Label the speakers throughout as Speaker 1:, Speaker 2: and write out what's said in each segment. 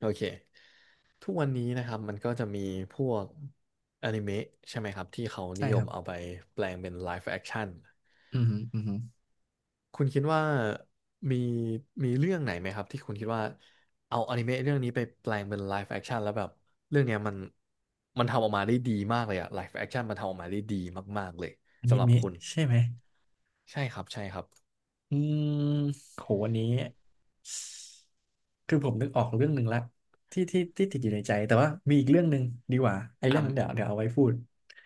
Speaker 1: โอเค ทุกวันนี้นะครับ มันก็จะมีพวกอนิเมะใช่ไหมครับที่เขานิ
Speaker 2: ใช่
Speaker 1: ย
Speaker 2: ครั
Speaker 1: ม
Speaker 2: บ
Speaker 1: เอาไปแปลงเป็นไลฟ์แอคชั่น
Speaker 2: อืมฮึอืมฮึ
Speaker 1: คุณคิดว่ามีมีเรื่องไหนไหมครับที่คุณคิดว่าเอาอนิเมะเรื่องนี้ไปแปลงเป็นไลฟ์แอคชั่นแล้วแบบเรื่องเนี้ยมันทำออกมาได้ดีมากเลยอะไลฟ์แอคชั่นมันทำออกมาได้ดีมากๆเลย
Speaker 2: อนิ
Speaker 1: สำหรับ
Speaker 2: เมะ
Speaker 1: คุณ
Speaker 2: ใช่ไหม
Speaker 1: ใช่ครับใช่ครับ
Speaker 2: อืมโหวันนี้คือผมนึกออกเรื่องหนึ่งละที่ติดอยู่ในใจ แต่ว่ามีอีกเรื่องหนึ่งดีกว่า ไอ้เรื่อ
Speaker 1: อ่ะ
Speaker 2: งนั้นเดี๋ยวเอาไว้พูด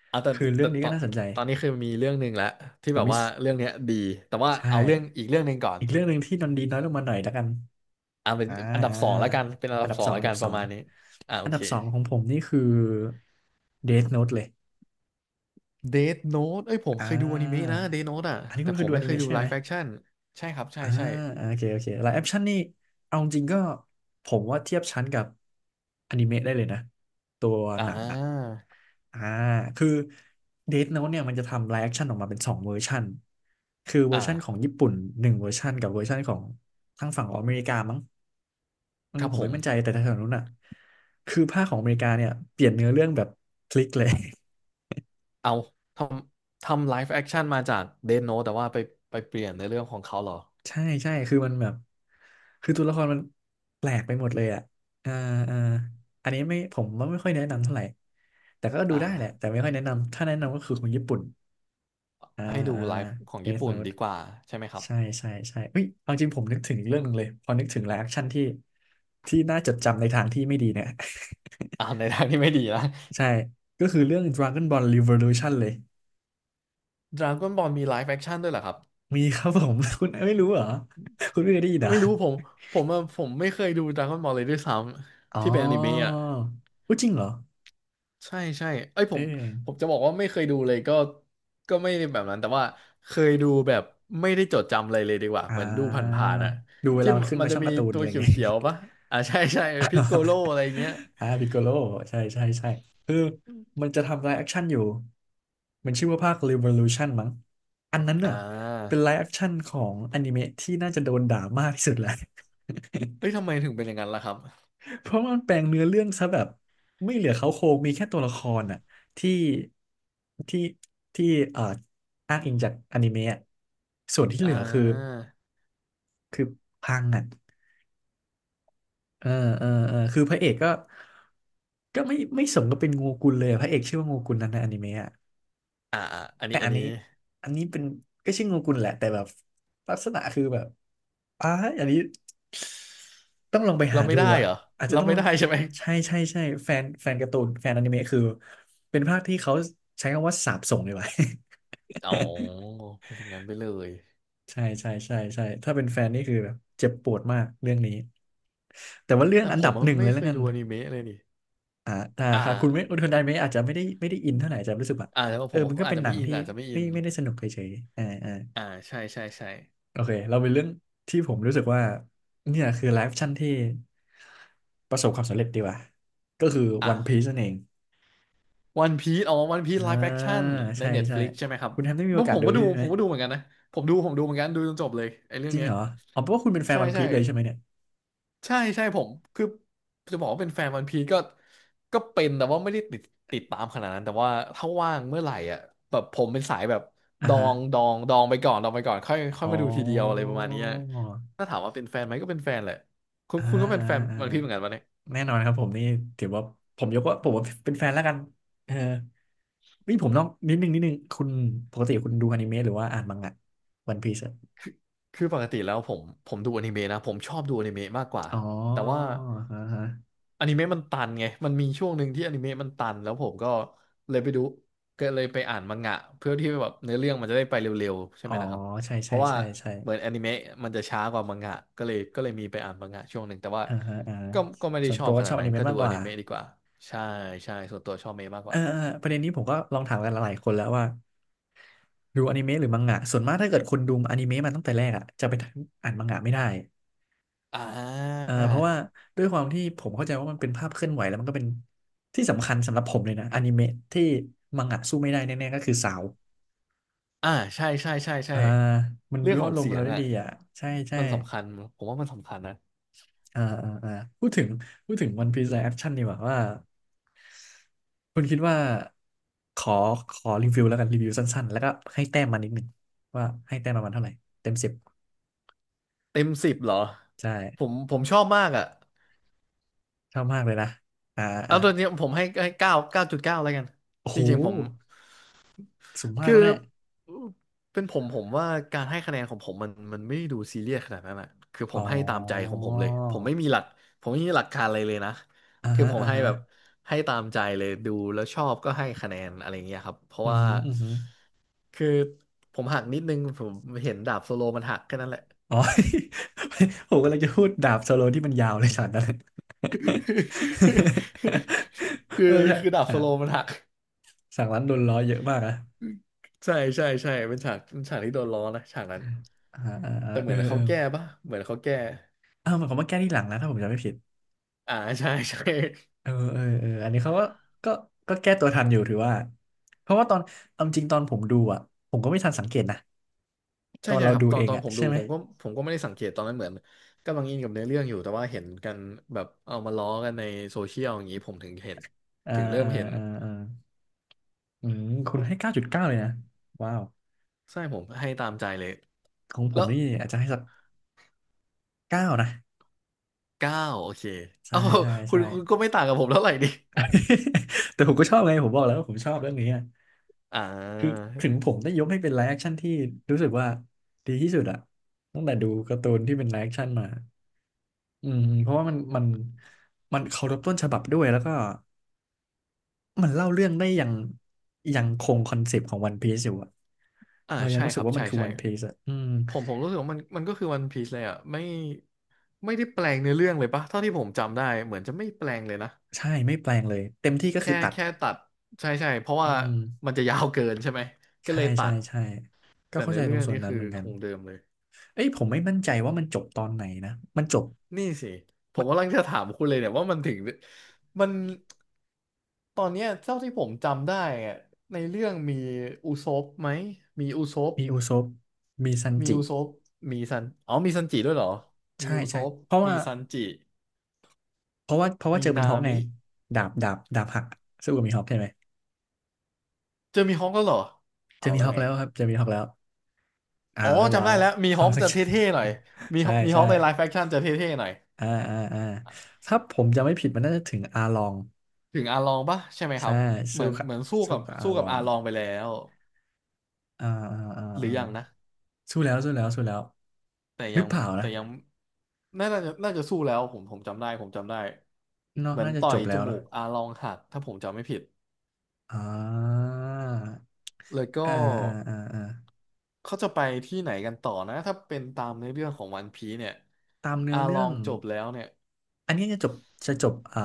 Speaker 1: เอาแต่
Speaker 2: คือเรื่อ
Speaker 1: แต่
Speaker 2: งนี้
Speaker 1: ต
Speaker 2: ก็
Speaker 1: อน
Speaker 2: น่าสนใจ
Speaker 1: ตอนนี้คือมีเรื่องหนึ่งแล้วที่
Speaker 2: ผ
Speaker 1: แบ
Speaker 2: ม
Speaker 1: บ
Speaker 2: มิส
Speaker 1: ว่าเรื่องเนี้ยดีแต่ว่า
Speaker 2: ใช่
Speaker 1: เอาเรื่องอีกเรื่องหนึ่งก่อน
Speaker 2: อีกเรื่องหนึ่งที่นนดีน้อยลงมาหน่อยแล้วกัน
Speaker 1: อ่าเป็น
Speaker 2: อ่า
Speaker 1: อันดับ
Speaker 2: อ่า
Speaker 1: สองแล้วกันเป็นอัน
Speaker 2: อัน
Speaker 1: ดับ
Speaker 2: ดับ
Speaker 1: สอ
Speaker 2: ส
Speaker 1: ง
Speaker 2: อง
Speaker 1: แล้ว
Speaker 2: อัน
Speaker 1: กั
Speaker 2: ดั
Speaker 1: น
Speaker 2: บ
Speaker 1: ป
Speaker 2: สอ
Speaker 1: ระ
Speaker 2: ง
Speaker 1: มาณนี้อ่าโอ
Speaker 2: อันดั
Speaker 1: เค
Speaker 2: บสองของผมนี่คือ Death Note เลย
Speaker 1: เดธโน้เอ้ยผม
Speaker 2: อ่
Speaker 1: เคยดูอนิเมะนะ
Speaker 2: า
Speaker 1: เดธโน t e อ่ะ
Speaker 2: อันนี้
Speaker 1: แต่
Speaker 2: คุณเค
Speaker 1: ผ
Speaker 2: ย
Speaker 1: ม
Speaker 2: ดูอ
Speaker 1: ไม่
Speaker 2: นิ
Speaker 1: เคย
Speaker 2: เมะ
Speaker 1: ดู
Speaker 2: ใช่
Speaker 1: ไล
Speaker 2: ไหม
Speaker 1: ฟ์แฟคชั่นใช่ครับใช่
Speaker 2: อ่า
Speaker 1: ใช่
Speaker 2: โอเคโอเคไลฟ์แอคชั่นนี่เอาจริงๆก็ผมว่าเทียบชั้นกับอนิเมะได้เลยนะตัวห
Speaker 1: อ่า
Speaker 2: นังอ่ะอ่าคือเดธโน้ตเนี่ยมันจะทำไลฟ์แอคชั่นออกมาเป็นสองเวอร์ชันคือเวอร์ชันของ
Speaker 1: อ่า
Speaker 2: ญี่ปุ่นหนึ่งเวอร์ชันกับเวอร์ชันของทางฝั่งของอเมริกามั้ง
Speaker 1: ครับ
Speaker 2: ผม
Speaker 1: ผ
Speaker 2: ไม่
Speaker 1: ม
Speaker 2: มั่นใจแต่ทางฝั้งนู้นอ่ะคือภาคของอเมริกาเนี่ยเปลี่ยนเนื้อเรื่องแบบพลิกเลย
Speaker 1: เอาทำทำไลฟ์แอคชั่นมาจากเดธโน t e แต่ว่าไปเปลี่ยนในเรื่องของเขาเหรอ
Speaker 2: ใช่ใช่คือมันแบบตัวละครมันแปลกไปหมดเลยอ่ะอ่าอ่าอันนี้ไม่ผมว่าไม่ค่อยแนะนำเท่าไหร่แต่ก็ดู
Speaker 1: อ่า
Speaker 2: ได้แหละแต่ไม่ค่อยแนะนำถ้าแนะนำก็คือของญี่ปุ่นอ่า
Speaker 1: ให้ดู
Speaker 2: อ่า
Speaker 1: ไลฟ์ของญี่
Speaker 2: Death
Speaker 1: ปุ่น
Speaker 2: Note
Speaker 1: ดีกว่าใช่ไหมครับ
Speaker 2: ใช่ใช่ใช่เฮ้ยเอาจริงผมนึกถึงอีกเรื่องหนึงเลยพอนึกถึงแล้วแอคชั่นที่น่าจดจำในทางที่ไม่ดีเนี่ย
Speaker 1: อ่าในทางที่ไม่ดีนะ
Speaker 2: ใช่ก็คือเรื่อง Dragon Ball Revolution เลย
Speaker 1: ดราก้อนบอลมีไลฟ์แอคชั่นด้วยเหรอครับ
Speaker 2: มีครับผม คุณไม่รู้เหรอคุณไม่เคยได้ยินเหรอ
Speaker 1: ไม่รู้ผมผมอะผมไม่เคยดูดราก้อนบอลเลยด้วยซ้
Speaker 2: อ๋
Speaker 1: ำ
Speaker 2: อ
Speaker 1: ที่เป็นอนิเมะอ่ะ
Speaker 2: อุ๊ยจริงเหรอ
Speaker 1: ใช่ใช่เอ้ยผ
Speaker 2: เออ
Speaker 1: มผมจะบอกว่าไม่เคยดูเลยก็ไม่ได้แบบนั้นแต่ว่าเคยดูแบบไม่ได้จดจำอะไรเลยดีกว่า
Speaker 2: อ่
Speaker 1: เหมือนดูผ
Speaker 2: า
Speaker 1: ่านๆอะ
Speaker 2: ดูเว
Speaker 1: ที่
Speaker 2: ลามันขึ้น
Speaker 1: มัน
Speaker 2: มา
Speaker 1: จะ
Speaker 2: ช่อง
Speaker 1: มี
Speaker 2: การ์ตูน
Speaker 1: ตั
Speaker 2: อะ
Speaker 1: ว
Speaker 2: ไรอย่างเงี้ย
Speaker 1: เขียวๆปะอ่า ใช่ใช่พิกโกโล อะไรเงี้ย
Speaker 2: พิกโกโลใช่ใช่ใช่คือมันจะทำไลฟ์แอคชั่นอยู่มันชื่อว่าภาค Revolution มั้งอันนั้น
Speaker 1: อ่
Speaker 2: น่ะ
Speaker 1: า
Speaker 2: เป็นไลฟ์แอคชั่นของอนิเมะที่น่าจะโดนด่ามากที่สุดแหละ
Speaker 1: เอ้ยทำ ไมถึงเป็นอย่างนั้นล่ะครับ
Speaker 2: เพราะมันแปลงเนื้อเรื่องซะแบบไม่เหลือเขาโครงมีแค่ตัวละครน่ะที่ที่ที่เอ่ออ้างอิงจากอนิเมะอะส่วนที่เห
Speaker 1: อ่
Speaker 2: ลือคือ
Speaker 1: า
Speaker 2: คือพังอ่ะ เออเออคือพระเอกก็ไม่สมกับเป็นโงกุลเลยพระเอกชื่อว่าโงกุลนั้นในอนิเมะอะ
Speaker 1: อ่าอ่าอัน
Speaker 2: แต่
Speaker 1: นี้อั
Speaker 2: อั
Speaker 1: น
Speaker 2: น
Speaker 1: นี้
Speaker 2: นี้อันนี้เป็นก็ชื่อโงกุลแหละแต่แบบลักษณะคือแบบอ้าอันนี้ต้องลองไป
Speaker 1: เรา
Speaker 2: หา
Speaker 1: ไม่
Speaker 2: ดู
Speaker 1: ได้
Speaker 2: อ่ะ
Speaker 1: เหรอ
Speaker 2: อาจจะ
Speaker 1: เรา
Speaker 2: ต้อง
Speaker 1: ไม่
Speaker 2: ลอง
Speaker 1: ได้ใช่ไหม
Speaker 2: ใช่ใช่ใช่แฟนการ์ตูนแฟนอนิเมะคือเป็นภาคที่เขาใช้คำว่าสาปส่งเลยว่ะ
Speaker 1: อ๋อ เป็นอย่างนั้นไปเลย
Speaker 2: ใช่ใช่ใช่ใช่ถ้าเป็นแฟนนี่คือแบบเจ็บปวดมากเรื่องนี้แต่ว่าเรื่อง
Speaker 1: แต่
Speaker 2: อัน
Speaker 1: ผ
Speaker 2: ดั
Speaker 1: ม
Speaker 2: บห
Speaker 1: อะ
Speaker 2: นึ่งเล
Speaker 1: ไม่
Speaker 2: ย
Speaker 1: เค
Speaker 2: แล้ว
Speaker 1: ย
Speaker 2: กัน
Speaker 1: ดูอนิเมะเลยนี่
Speaker 2: อ่า
Speaker 1: อ่า
Speaker 2: ค่ะ คุณไดไม่อาจจะไม่ได้อินเท่าไหร่อาจจะรู้สึกแบบ
Speaker 1: อ่าแต่ว่า
Speaker 2: เอ
Speaker 1: ผ
Speaker 2: อ
Speaker 1: ม
Speaker 2: มันก็
Speaker 1: อาจ
Speaker 2: เป็น
Speaker 1: จะ
Speaker 2: หนั
Speaker 1: ไม่
Speaker 2: ง
Speaker 1: อิน
Speaker 2: ที่
Speaker 1: อาจจะไม่อิ
Speaker 2: ไม่
Speaker 1: น
Speaker 2: ไม่ได้สนุกเฉยๆอ่าอ่า
Speaker 1: อ่าใช่ใช่ใช่
Speaker 2: โอเค เราเป็นเรื่องที่ผมรู้สึกว่าเนี่ยคือไลฟ์ชั่นที่ประสบความสำเร็จดีกว่า ก็คือ
Speaker 1: อ่ะ
Speaker 2: วันพี e นั่นเอง
Speaker 1: วันพีซอ๋อวันพีซ
Speaker 2: อ่า
Speaker 1: ไลฟ์แอคชั่นใน
Speaker 2: ใช่ใช่
Speaker 1: Netflix ใช่ไหมครับ
Speaker 2: คุณแฮมได้มี
Speaker 1: ผ
Speaker 2: โอ
Speaker 1: ม
Speaker 2: กา
Speaker 1: ผ
Speaker 2: ส
Speaker 1: ม
Speaker 2: ดู
Speaker 1: ก็ดู
Speaker 2: ใช่ไห
Speaker 1: ผ
Speaker 2: ม
Speaker 1: มก็ดูเหมือนกันนะผมดูเหมือนกันดูจนจบเลยไอ้เรื่อ
Speaker 2: จ
Speaker 1: ง
Speaker 2: ริง
Speaker 1: เนี้ย
Speaker 2: เหรออ๋อเพราะว่าคุณเป็นแฟน
Speaker 1: ใช่
Speaker 2: วันพี
Speaker 1: ใช่
Speaker 2: e เลยใช่ไหมเนี่ย
Speaker 1: ใช่ใช่ผมคือจะบอกว่าเป็นแฟนวันพีซก็เป็นแต่ว่าไม่ได้ติดตามขนาดนั้นแต่ว่าถ้าว่างเมื่อไหร่อ่ะแบบผมเป็นสายแบบ
Speaker 2: อ่า
Speaker 1: ดอ
Speaker 2: ฮะ
Speaker 1: งดองดองไปก่อนดองไปก่อนค่อยค่อ
Speaker 2: อ๋
Speaker 1: ย
Speaker 2: อ
Speaker 1: มาดูทีเดียวอะไรประมาณเนี้ยถ้าถามว่าเป็นแฟนไหมก็เป็นแฟนแหละคุณ
Speaker 2: อ่า
Speaker 1: คุณก็เป็นแฟน
Speaker 2: อ่าอ่า
Speaker 1: วันพีเหมือนกันปะเนี่ย
Speaker 2: แน่นอนครับผมนี่ถือว่าผมยกว่าผมว่าเป็นแฟนแล้วกันเออนี่ผมต้องนิดนึงคุณปกติคุณดูอนิเมะหรือว่าอ่านมังงะวันพีซ
Speaker 1: คือปกติแล้วผมดูอนิเมะนะผมชอบดูอนิเมะมากกว่า
Speaker 2: อ๋อ
Speaker 1: แต่ว่า
Speaker 2: ฮะฮะ
Speaker 1: อนิเมะมันตันไงมันมีช่วงหนึ่งที่อนิเมะมันตันแล้วผมก็เลยไปดูก็เลยไปอ่านมังงะเพื่อที่แบบเนื้อเรื่องมันจะได้ไปเร็วๆใช่
Speaker 2: อ๋
Speaker 1: ไห
Speaker 2: อ
Speaker 1: มนะครับ
Speaker 2: ใช่
Speaker 1: เพ
Speaker 2: ใช่
Speaker 1: ราะว่า
Speaker 2: ใช่ใช่
Speaker 1: เหมือนอนิเมะมันจะช้ากว่ามังงะก็เลยก็เลยมีไปอ่านมังงะช่วงหนึ่งแต่ว่า
Speaker 2: อ่าฮะอ่าฮะ
Speaker 1: ก็ไม่ได้
Speaker 2: ส่วน
Speaker 1: ชอ
Speaker 2: ตั
Speaker 1: บ
Speaker 2: ว
Speaker 1: ข
Speaker 2: ก็ช
Speaker 1: นา
Speaker 2: อ
Speaker 1: ด
Speaker 2: บอ
Speaker 1: นั้
Speaker 2: นิ
Speaker 1: น
Speaker 2: เมะ
Speaker 1: ก็ดู
Speaker 2: มากก
Speaker 1: อ
Speaker 2: ว่า
Speaker 1: นิเมะดีกว่าใช่ใช่ส่วนตัวชอบเมะมากก
Speaker 2: เออ
Speaker 1: ว่า
Speaker 2: เออประเด็นนี้ผมก็ลองถามกันหลายๆคนแล้วว่าดูอนิเมะหรือมังงะส่วนมากถ้าเกิดคุณดูอนิเมะมาตั้งแต่แรกอ่ะจะไปอ่านมังงะไม่ได้
Speaker 1: อ่
Speaker 2: เพราะว่า
Speaker 1: า
Speaker 2: ด้วยความที่ผมเข้าใจว่ามันเป็นภาพเคลื่อนไหวแล้วมันก็เป็นที่สำคัญสำหรับผมเลยนะอนิเมะที่มังงะสู้ไม่ได้แน่ๆก็คือซาวด์
Speaker 1: อ่าใช่ใช่ใช่ใช่
Speaker 2: อ่ามัน
Speaker 1: เรื่
Speaker 2: บิ
Speaker 1: อง
Speaker 2: ว
Speaker 1: ขอ
Speaker 2: อา
Speaker 1: ง
Speaker 2: รม
Speaker 1: เสี
Speaker 2: ณ์
Speaker 1: ย
Speaker 2: เรา
Speaker 1: ง
Speaker 2: ได้
Speaker 1: อ่ะ
Speaker 2: ดีอ่ะใช่ใช่
Speaker 1: มันสำคัญผมว่ามันสำคัญนะ
Speaker 2: อ่าอ่าอ่าพูดถึงพูดถึงวันพีซไลฟ์แอคชั่นดีกว่าว่าคุณคิดว่าขอขอรีวิวแล้วกันรีวิวสั้นๆแล้วก็ให้แต้มมานิดหนึ่งว่าให้แต้มประมาณเท่าไหร่เต็ม 10
Speaker 1: เต็ม10เหรอ
Speaker 2: ใช่
Speaker 1: ผมชอบมากอ่ะ
Speaker 2: ชอบมากเลยนะอ่าอ่า
Speaker 1: เอาตัวนี้ผมให้เก้าจุดเก้าแล้วกัน
Speaker 2: โอ้
Speaker 1: จ
Speaker 2: โห
Speaker 1: ริงๆผม
Speaker 2: สูงมาก
Speaker 1: คื
Speaker 2: แล้ว
Speaker 1: อ
Speaker 2: เนี่ย
Speaker 1: เป็นผมว่าการให้คะแนนของผมมันไม่ดูซีเรียสขนาดนั้นอะคือผ
Speaker 2: อ๋อ
Speaker 1: มให้ตามใจของผมเลยผมไม่มีหลักผมไม่มีหลักการอะไรเลยนะ
Speaker 2: อ่า
Speaker 1: คือ
Speaker 2: ฮะ
Speaker 1: ผม
Speaker 2: อ่า
Speaker 1: ให้
Speaker 2: ฮะ
Speaker 1: แบบให้ตามใจเลยดูแล้วชอบก็ให้คะแนนอะไรเงี้ยครับเพราะ
Speaker 2: อือ
Speaker 1: ว่า
Speaker 2: ฮึออือหือ
Speaker 1: คือผมหักนิดนึงผมเห็นดาบโซโลมันหักแค่นั้นแหละ
Speaker 2: อ๋อ ผมกำลังจะพูดดาบโซโลที่มันยาวเลยฉากนั้น
Speaker 1: คื
Speaker 2: เออ
Speaker 1: อ
Speaker 2: ใช่
Speaker 1: คือดาบ
Speaker 2: ฉา
Speaker 1: โซ
Speaker 2: ก
Speaker 1: โลมันหัก
Speaker 2: ฉากนั้นโดนล้อเยอะมากนะ
Speaker 1: ใช่ใช่ใช่เป็นฉากที่โดนล้อนะฉากนั้น
Speaker 2: อ่าอ่าอ่า
Speaker 1: แต่เห
Speaker 2: เอ
Speaker 1: มื
Speaker 2: อ
Speaker 1: อน
Speaker 2: เอ
Speaker 1: เขา
Speaker 2: อ
Speaker 1: แก้ปะเหมือนเขาแก้
Speaker 2: อ้าวมันเขามาแก้ที่หลังนะถ้าผมจำไม่ผิด
Speaker 1: อ่าใช่ ใช่
Speaker 2: เออเออเอออันนี้เขาก็ก็แก้ตัวทันอยู่ถือว่าเพราะว่าตอนเอาจริงตอนผมดูอ่ะผมก็ไม่ทันสังเกตนะต
Speaker 1: ใช่
Speaker 2: อน
Speaker 1: ใช่
Speaker 2: เรา
Speaker 1: ครับ
Speaker 2: ดู
Speaker 1: ตอ
Speaker 2: เอ
Speaker 1: น
Speaker 2: ง
Speaker 1: ตอน
Speaker 2: อ่ะ
Speaker 1: ผมดู
Speaker 2: ใช่ไหม
Speaker 1: ผมก็ไม่ได้สังเกตตอนนั้นเหมือนกำลังอินกับเนื้อเรื่องอยู่แต่ว่าเห็นกันแบบเอามาล้อกันในโซเชียลอย่างนี้ผมถึงเห็น
Speaker 2: อ่า
Speaker 1: ถึงเริ่
Speaker 2: อ่า
Speaker 1: มเห็น
Speaker 2: อ่าอ่าอืมคุณให้9.9เลยนะว้าว
Speaker 1: ใช่ผมให้ตามใจเลย
Speaker 2: ของผ
Speaker 1: แล้
Speaker 2: ม
Speaker 1: ว
Speaker 2: นี่อาจจะให้สัก เก้านะ
Speaker 1: เก้าโอเค
Speaker 2: ใช่
Speaker 1: เอ้า
Speaker 2: ใช่
Speaker 1: คุณ
Speaker 2: ใช่
Speaker 1: คุณก็ไม่ต่างกับผมเท่าไหร่ดิ
Speaker 2: แต่ผมก็ชอบไงผมบอกแล้วว่าผมชอบเรื่องนี้อะ
Speaker 1: อ่
Speaker 2: คือ
Speaker 1: า
Speaker 2: ถึงผมได้ยกให้เป็นไลฟ์แอคชั่นที่รู้สึกว่าดีที่สุดอะตั้งแต่ดูการ์ตูนที่เป็นไลฟ์แอคชั่นมาอืมเพราะว่ามันมันเคารพต้นฉบับด้วยแล้วก็มันเล่าเรื่องได้อย่างยังคงคอนเซปต์ของวันพีซอยู่อะ
Speaker 1: อ่า
Speaker 2: เรายัง
Speaker 1: ใช่
Speaker 2: รู้
Speaker 1: ค
Speaker 2: สึก
Speaker 1: รับ
Speaker 2: ว่ามั
Speaker 1: ใช่
Speaker 2: นคือ
Speaker 1: ใช่
Speaker 2: วันพีซอะอืม
Speaker 1: ผมรู้สึกว่ามันก็คือวันพีซเลยอ่ะไม่ได้แปลงเนื้อเรื่องเลยปะเท่าที่ผมจำได้เหมือนจะไม่แปลงเลยนะ
Speaker 2: ใช่ไม่แปลงเลยเต็มที่ก็คื
Speaker 1: แค่
Speaker 2: อตัด
Speaker 1: แค่ตัดใช่ใช่เพราะ
Speaker 2: อื
Speaker 1: ว่า
Speaker 2: ม
Speaker 1: มันจะยาวเกินใช่ไหมก็
Speaker 2: ใช่
Speaker 1: เลยตั
Speaker 2: ใช่
Speaker 1: ด
Speaker 2: ใช่ก็
Speaker 1: แต่
Speaker 2: เข้า
Speaker 1: เนื้
Speaker 2: ใจ
Speaker 1: อ
Speaker 2: ตร
Speaker 1: เรื่
Speaker 2: ง
Speaker 1: อง
Speaker 2: ส่วน
Speaker 1: นี่
Speaker 2: นั้น
Speaker 1: คื
Speaker 2: เห
Speaker 1: อ
Speaker 2: มือนกั
Speaker 1: ค
Speaker 2: น
Speaker 1: งเดิมเลย
Speaker 2: เอ้ยผมไม่มั่นใจว่ามันจบตอนไหนนะ มันจบ
Speaker 1: นี่สิผมกำลังจะถามคุณเลยเนี่ยว่ามันตอนเนี้ยเท่าที่ผมจำได้อะในเรื่องมีอุซบไหมมีอุซบ
Speaker 2: มีอุซปมีซัน
Speaker 1: มี
Speaker 2: จิ
Speaker 1: อุซบมีซันอ๋อมีซันจิด้วยเหรอมี
Speaker 2: ใช่
Speaker 1: อุซ
Speaker 2: ใช่
Speaker 1: บ
Speaker 2: เพราะ
Speaker 1: มี
Speaker 2: ว่า
Speaker 1: ซันจิ
Speaker 2: เพราะว่า
Speaker 1: มี
Speaker 2: เจอมี
Speaker 1: นา
Speaker 2: ฮอกไง
Speaker 1: มิ
Speaker 2: ดาบหักสู้กับมีฮอกใช่ไหม
Speaker 1: เจอมีฮอกก็เหรอ
Speaker 2: เจอ
Speaker 1: เอา
Speaker 2: มี
Speaker 1: แล้
Speaker 2: ฮ
Speaker 1: ว
Speaker 2: อก
Speaker 1: ไง
Speaker 2: แล้วครับเจอมีฮอกแล้วอ่า
Speaker 1: อ๋อ
Speaker 2: เรียบร้
Speaker 1: จำ
Speaker 2: อย
Speaker 1: ได้แล้วมี
Speaker 2: ค
Speaker 1: ฮ
Speaker 2: วา
Speaker 1: อ
Speaker 2: ม
Speaker 1: ก
Speaker 2: สัก
Speaker 1: จะเท่ๆหน่อยมี ฮ
Speaker 2: ใช่
Speaker 1: อกมีฮ
Speaker 2: ใช่
Speaker 1: อกในไลฟ์แฟคชั่นจะเท่ๆหน่อย
Speaker 2: อ่าอ่าอ่าถ้าผมจะไม่ผิดมันน่าจะถึงอาลอง
Speaker 1: ถึงอาลองปะใช่ไหมค
Speaker 2: ใช่
Speaker 1: รับเหมื
Speaker 2: สู้
Speaker 1: อน
Speaker 2: กับ
Speaker 1: เหมือนสู้
Speaker 2: สู้
Speaker 1: กับ
Speaker 2: กับอา
Speaker 1: สู้
Speaker 2: ล
Speaker 1: กับ
Speaker 2: อ
Speaker 1: อา
Speaker 2: ง
Speaker 1: ลองไปแล้ว
Speaker 2: อ่าอ่าอ่า
Speaker 1: หรื
Speaker 2: อ่า
Speaker 1: อยังนะ
Speaker 2: สู้แล้วสู้แล้วสู้แล้ว
Speaker 1: แต่
Speaker 2: หรื
Speaker 1: ยั
Speaker 2: อ
Speaker 1: ง
Speaker 2: เปล่า
Speaker 1: แต่
Speaker 2: นะ
Speaker 1: ยังน่าจะน่าจะสู้แล้วผมจำได้
Speaker 2: เนอะ
Speaker 1: เหมือน
Speaker 2: น่าจะ
Speaker 1: ต่อ
Speaker 2: จ
Speaker 1: ย
Speaker 2: บแล้
Speaker 1: จ
Speaker 2: ว
Speaker 1: มู
Speaker 2: เนาะ
Speaker 1: กอาลองหักถ้าผมจำไม่ผิด
Speaker 2: อ
Speaker 1: แล้วก็
Speaker 2: อ่าอ่าอ่าอ่า
Speaker 1: เขาจะไปที่ไหนกันต่อนะถ้าเป็นตามในอเรื่องของวันพีเนี่ย
Speaker 2: ตามเนื้
Speaker 1: อา
Speaker 2: อ
Speaker 1: ล
Speaker 2: เรื่
Speaker 1: อ
Speaker 2: อง
Speaker 1: งจบแล้วเนี่ย
Speaker 2: อันนี้จะจบอ่า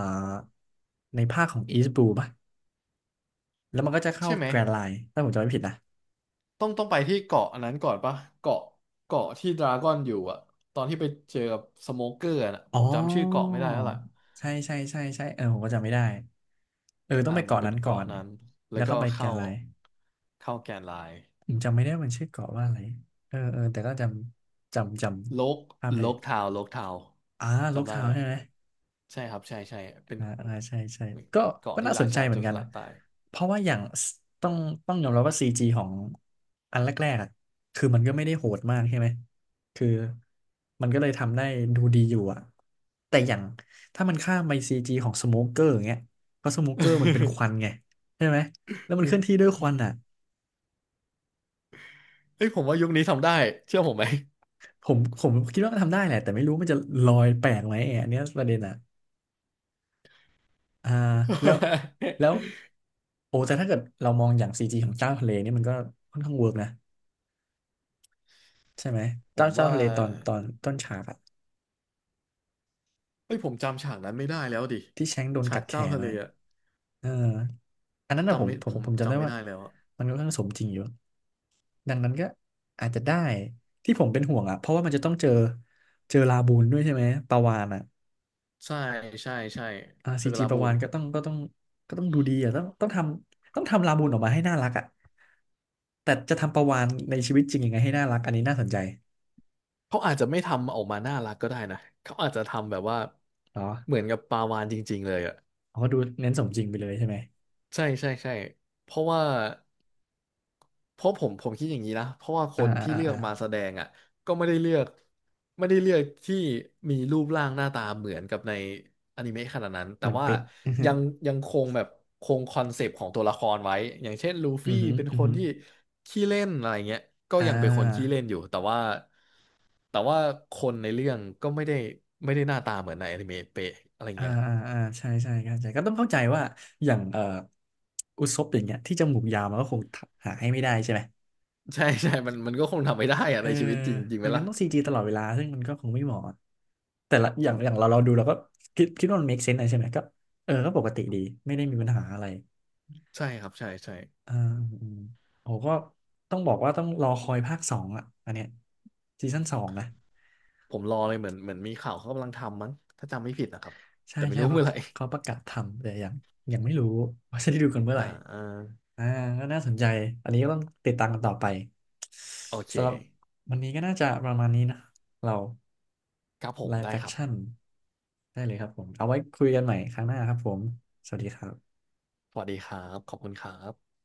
Speaker 2: ในภาคของ East Blue ป่ะ แล้วมันก็จะเข้า
Speaker 1: ใช่ไหม
Speaker 2: แกร n d ์ไลน์ถ้าผมจำไม่ผิดนะ
Speaker 1: ต้องไปที่เกาะอันนั้นก่อนปะเกาะเกาะที่ดราก้อนอยู่อะตอนที่ไปเจอกับสโมเกอร์นะ
Speaker 2: อ๋
Speaker 1: ผมจำชื่อเกาะ
Speaker 2: อ
Speaker 1: ไม่ได้แล้วล่ะ
Speaker 2: ใช่ใช่ใช่ใช่เออผมก็จำไม่ได้เออต้อ
Speaker 1: อ่า
Speaker 2: งไป
Speaker 1: เหมือ
Speaker 2: เกาะ
Speaker 1: นเป็น
Speaker 2: นั้นก่อ
Speaker 1: เกาะ
Speaker 2: น
Speaker 1: นั้นแล้
Speaker 2: แล้
Speaker 1: ว
Speaker 2: วก็
Speaker 1: ก็
Speaker 2: ไปแกรน์ไลน์
Speaker 1: เข้าแกนไลน์
Speaker 2: ผมจำไม่ได้มันชื่อเกาะว่าอะไรเออเออแต่ก็จ
Speaker 1: โลก
Speaker 2: ำภาพได้
Speaker 1: โล
Speaker 2: อยู่
Speaker 1: กทาวน์โลกทาวน์
Speaker 2: อ่าลก
Speaker 1: จำได้
Speaker 2: ทาวน์
Speaker 1: แล้ว
Speaker 2: ใช่ไหม
Speaker 1: ใช่ครับใช่ใช่เป็น
Speaker 2: อ่าอ่าใช่ใช่ก็
Speaker 1: เกาะ
Speaker 2: ก็
Speaker 1: ที่
Speaker 2: น่าส
Speaker 1: รา
Speaker 2: นใจ
Speaker 1: ชา
Speaker 2: เห
Speaker 1: โจ
Speaker 2: มือ
Speaker 1: ร
Speaker 2: นกั
Speaker 1: ส
Speaker 2: น
Speaker 1: ลั
Speaker 2: นะ
Speaker 1: ดตาย
Speaker 2: เพราะว่าอย่างสต้องต้องยอมรับว่าซีจีของอันแรกๆอะคือมันก็ไม่ได้โหดมากใช่ไหมคือมันก็เลยทำได้ดูดีอยู่อะแต่อย่างถ้ามันข้ามไปซีจีของสโมเกอร์อย่างเงี้ยเพราะสโมเกอร์มันเป็นควันไงใช่ไหมแล้วมันเคลื่ อนที่ด้วยควันอ่ะ
Speaker 1: เอ้ยผมว่ายุคนี้ทำได้เชื่อผมไหม
Speaker 2: ผมคิดว่ามันทำได้แหละแต่ไม่รู้มันจะลอยแปลกไหมอันเนี้ยประเด็นอ่ะ อ่าแล้วแล้วโอ้แต่ถ้าเกิดเรามองอย่างซีจีของเจ้าทะเลนี่มันก็ค่อนข้างเวิร์กนะใช่ไหม
Speaker 1: ผ
Speaker 2: เจ้า
Speaker 1: ม
Speaker 2: เจ้า
Speaker 1: ว่า
Speaker 2: ทะเลตอนตอนต้นฉากอะ
Speaker 1: เอ้ยผมจำฉากนั้นไม่ได้แล้วดิ
Speaker 2: ที่แชงก์โดน
Speaker 1: ฉา
Speaker 2: กั
Speaker 1: ก
Speaker 2: ดแข
Speaker 1: เจ้า
Speaker 2: น
Speaker 1: ทะเล
Speaker 2: นะ
Speaker 1: อะ
Speaker 2: เอออันนั้นนะ
Speaker 1: จำไม่ผม
Speaker 2: ผมจำได้
Speaker 1: จำไม่
Speaker 2: ว่า
Speaker 1: ได้แล้วอะ
Speaker 2: มันค่อนข้างสมจริงอยู่ดังนั้นก็อาจจะได้ที่ผมเป็นห่วงอะเพราะว่ามันจะต้องเจอเจอลาบูนด้วยใช่ไหมปลาวาฬอะ
Speaker 1: ใช่ใช่ใช่
Speaker 2: อ่า
Speaker 1: เซอ
Speaker 2: ซี
Speaker 1: ร์กา
Speaker 2: จี
Speaker 1: ลา
Speaker 2: ประ
Speaker 1: บู
Speaker 2: วา
Speaker 1: น
Speaker 2: นก็ต้องก็ต้องดูดีอ่ะต้องทำต้องทำลาบูนออกมาให้น่ารักอ่ะแต่จะทำประวานในชีวิตจริงยังไงให้น่ารักอันนี้น่าสนใจ
Speaker 1: เขาอาจจะไม่ทำออกมาน่ารักก็ได้นะเขาอาจจะทำแบบว่า
Speaker 2: เหรอ
Speaker 1: เหมือนกับปลาวาฬจริงๆเลยอ่ะ
Speaker 2: เขาก็ดูเน้นสมจริงไปเลยใช่ไหม
Speaker 1: ใช่ใช่ใช่เพราะว่าเพราะผมคิดอย่างนี้นะเพราะว่าค
Speaker 2: อ่า
Speaker 1: นที่
Speaker 2: อ่าอ่า
Speaker 1: เลือก
Speaker 2: อ่า
Speaker 1: มาแสดงอ่ะก็ไม่ได้เลือกที่มีรูปร่างหน้าตาเหมือนกับในอนิเมะขนาดนั้น
Speaker 2: เห
Speaker 1: แต่
Speaker 2: มือน
Speaker 1: ว่า
Speaker 2: เป๊ะอือฮึ
Speaker 1: ยังยังคงแบบคงคอนเซปต์ของตัวละครไว้อย่างเช่นลู
Speaker 2: อื
Speaker 1: ฟี่
Speaker 2: อฮึ
Speaker 1: เป็น
Speaker 2: อื
Speaker 1: ค
Speaker 2: อ
Speaker 1: น
Speaker 2: ฮึ
Speaker 1: ที่ขี้เล่นอะไรเงี้ยก็
Speaker 2: อ่
Speaker 1: ยังเป็นคนขี้
Speaker 2: า
Speaker 1: เล่นอยู่แต่ว่า แต่ว่าคนในเรื่องก็ไม่ได้ไม่ได้หน้าตาเหมือนในอนิเมะเป๊ะอะไร
Speaker 2: อ่า
Speaker 1: เงี้ย
Speaker 2: อ่าอ่าใช่ใช่เข้าใจก็ต้องเข้าใจว่าอย่างอุซบอย่างเงี้ยที่จมูกยาวมันก็คงหาให้ไม่ได้ใช่ไหม
Speaker 1: ใช่ใช่มันมันก็คงทำไม่ได้อะ
Speaker 2: เออ
Speaker 1: ในชีวิตจริง จริงไห
Speaker 2: ไม่
Speaker 1: ม
Speaker 2: งั้
Speaker 1: ล่ะ
Speaker 2: นต้องซีจีตลอดเวลาซึ่งมันก็คงไม่เหมาะ แต่ละอย่างอย่างเราดูเราก็คิดว่ามัน make sense อะไรใช่ไหมก็เออก็ปกติดีไม่ได้มีปัญหาอะไร
Speaker 1: ใช่ครับใช่ใช่
Speaker 2: อ่าอืมโอ้ก็ต้องบอกว่าต้องรอคอยภาค 2อ่ะอันเนี้ยซีซั่น 2นะ
Speaker 1: ผมรอเลยเหมือนมีข่าวเขากำลังทำมั้งถ้าจำไม่ผิดนะครับ
Speaker 2: ใช่
Speaker 1: แต่ไม่
Speaker 2: ใช่
Speaker 1: รู้
Speaker 2: เพราะ
Speaker 1: เมื่อไหร่
Speaker 2: เขาประกาศทำแต่ยังยังไม่รู้ว่าจะได้ดูกันเมื่อ ไห
Speaker 1: อ่า
Speaker 2: ร่
Speaker 1: อ่า
Speaker 2: อ่าก็น่าสนใจอันนี้ก็ต้องติดตามกันต่อไป
Speaker 1: โอเค
Speaker 2: สำหรับวันนี้ก็น่าจะประมาณนี้นะเรา
Speaker 1: ครับผ
Speaker 2: ไล
Speaker 1: ม
Speaker 2: ฟ์
Speaker 1: ได้ครับ
Speaker 2: แ Action ได้เลยครับผมเอาไว้คุยกันใหม่ครั้งหน้าครับผมสวัสดีครับ
Speaker 1: สวัสดีครับขอบคุณครับ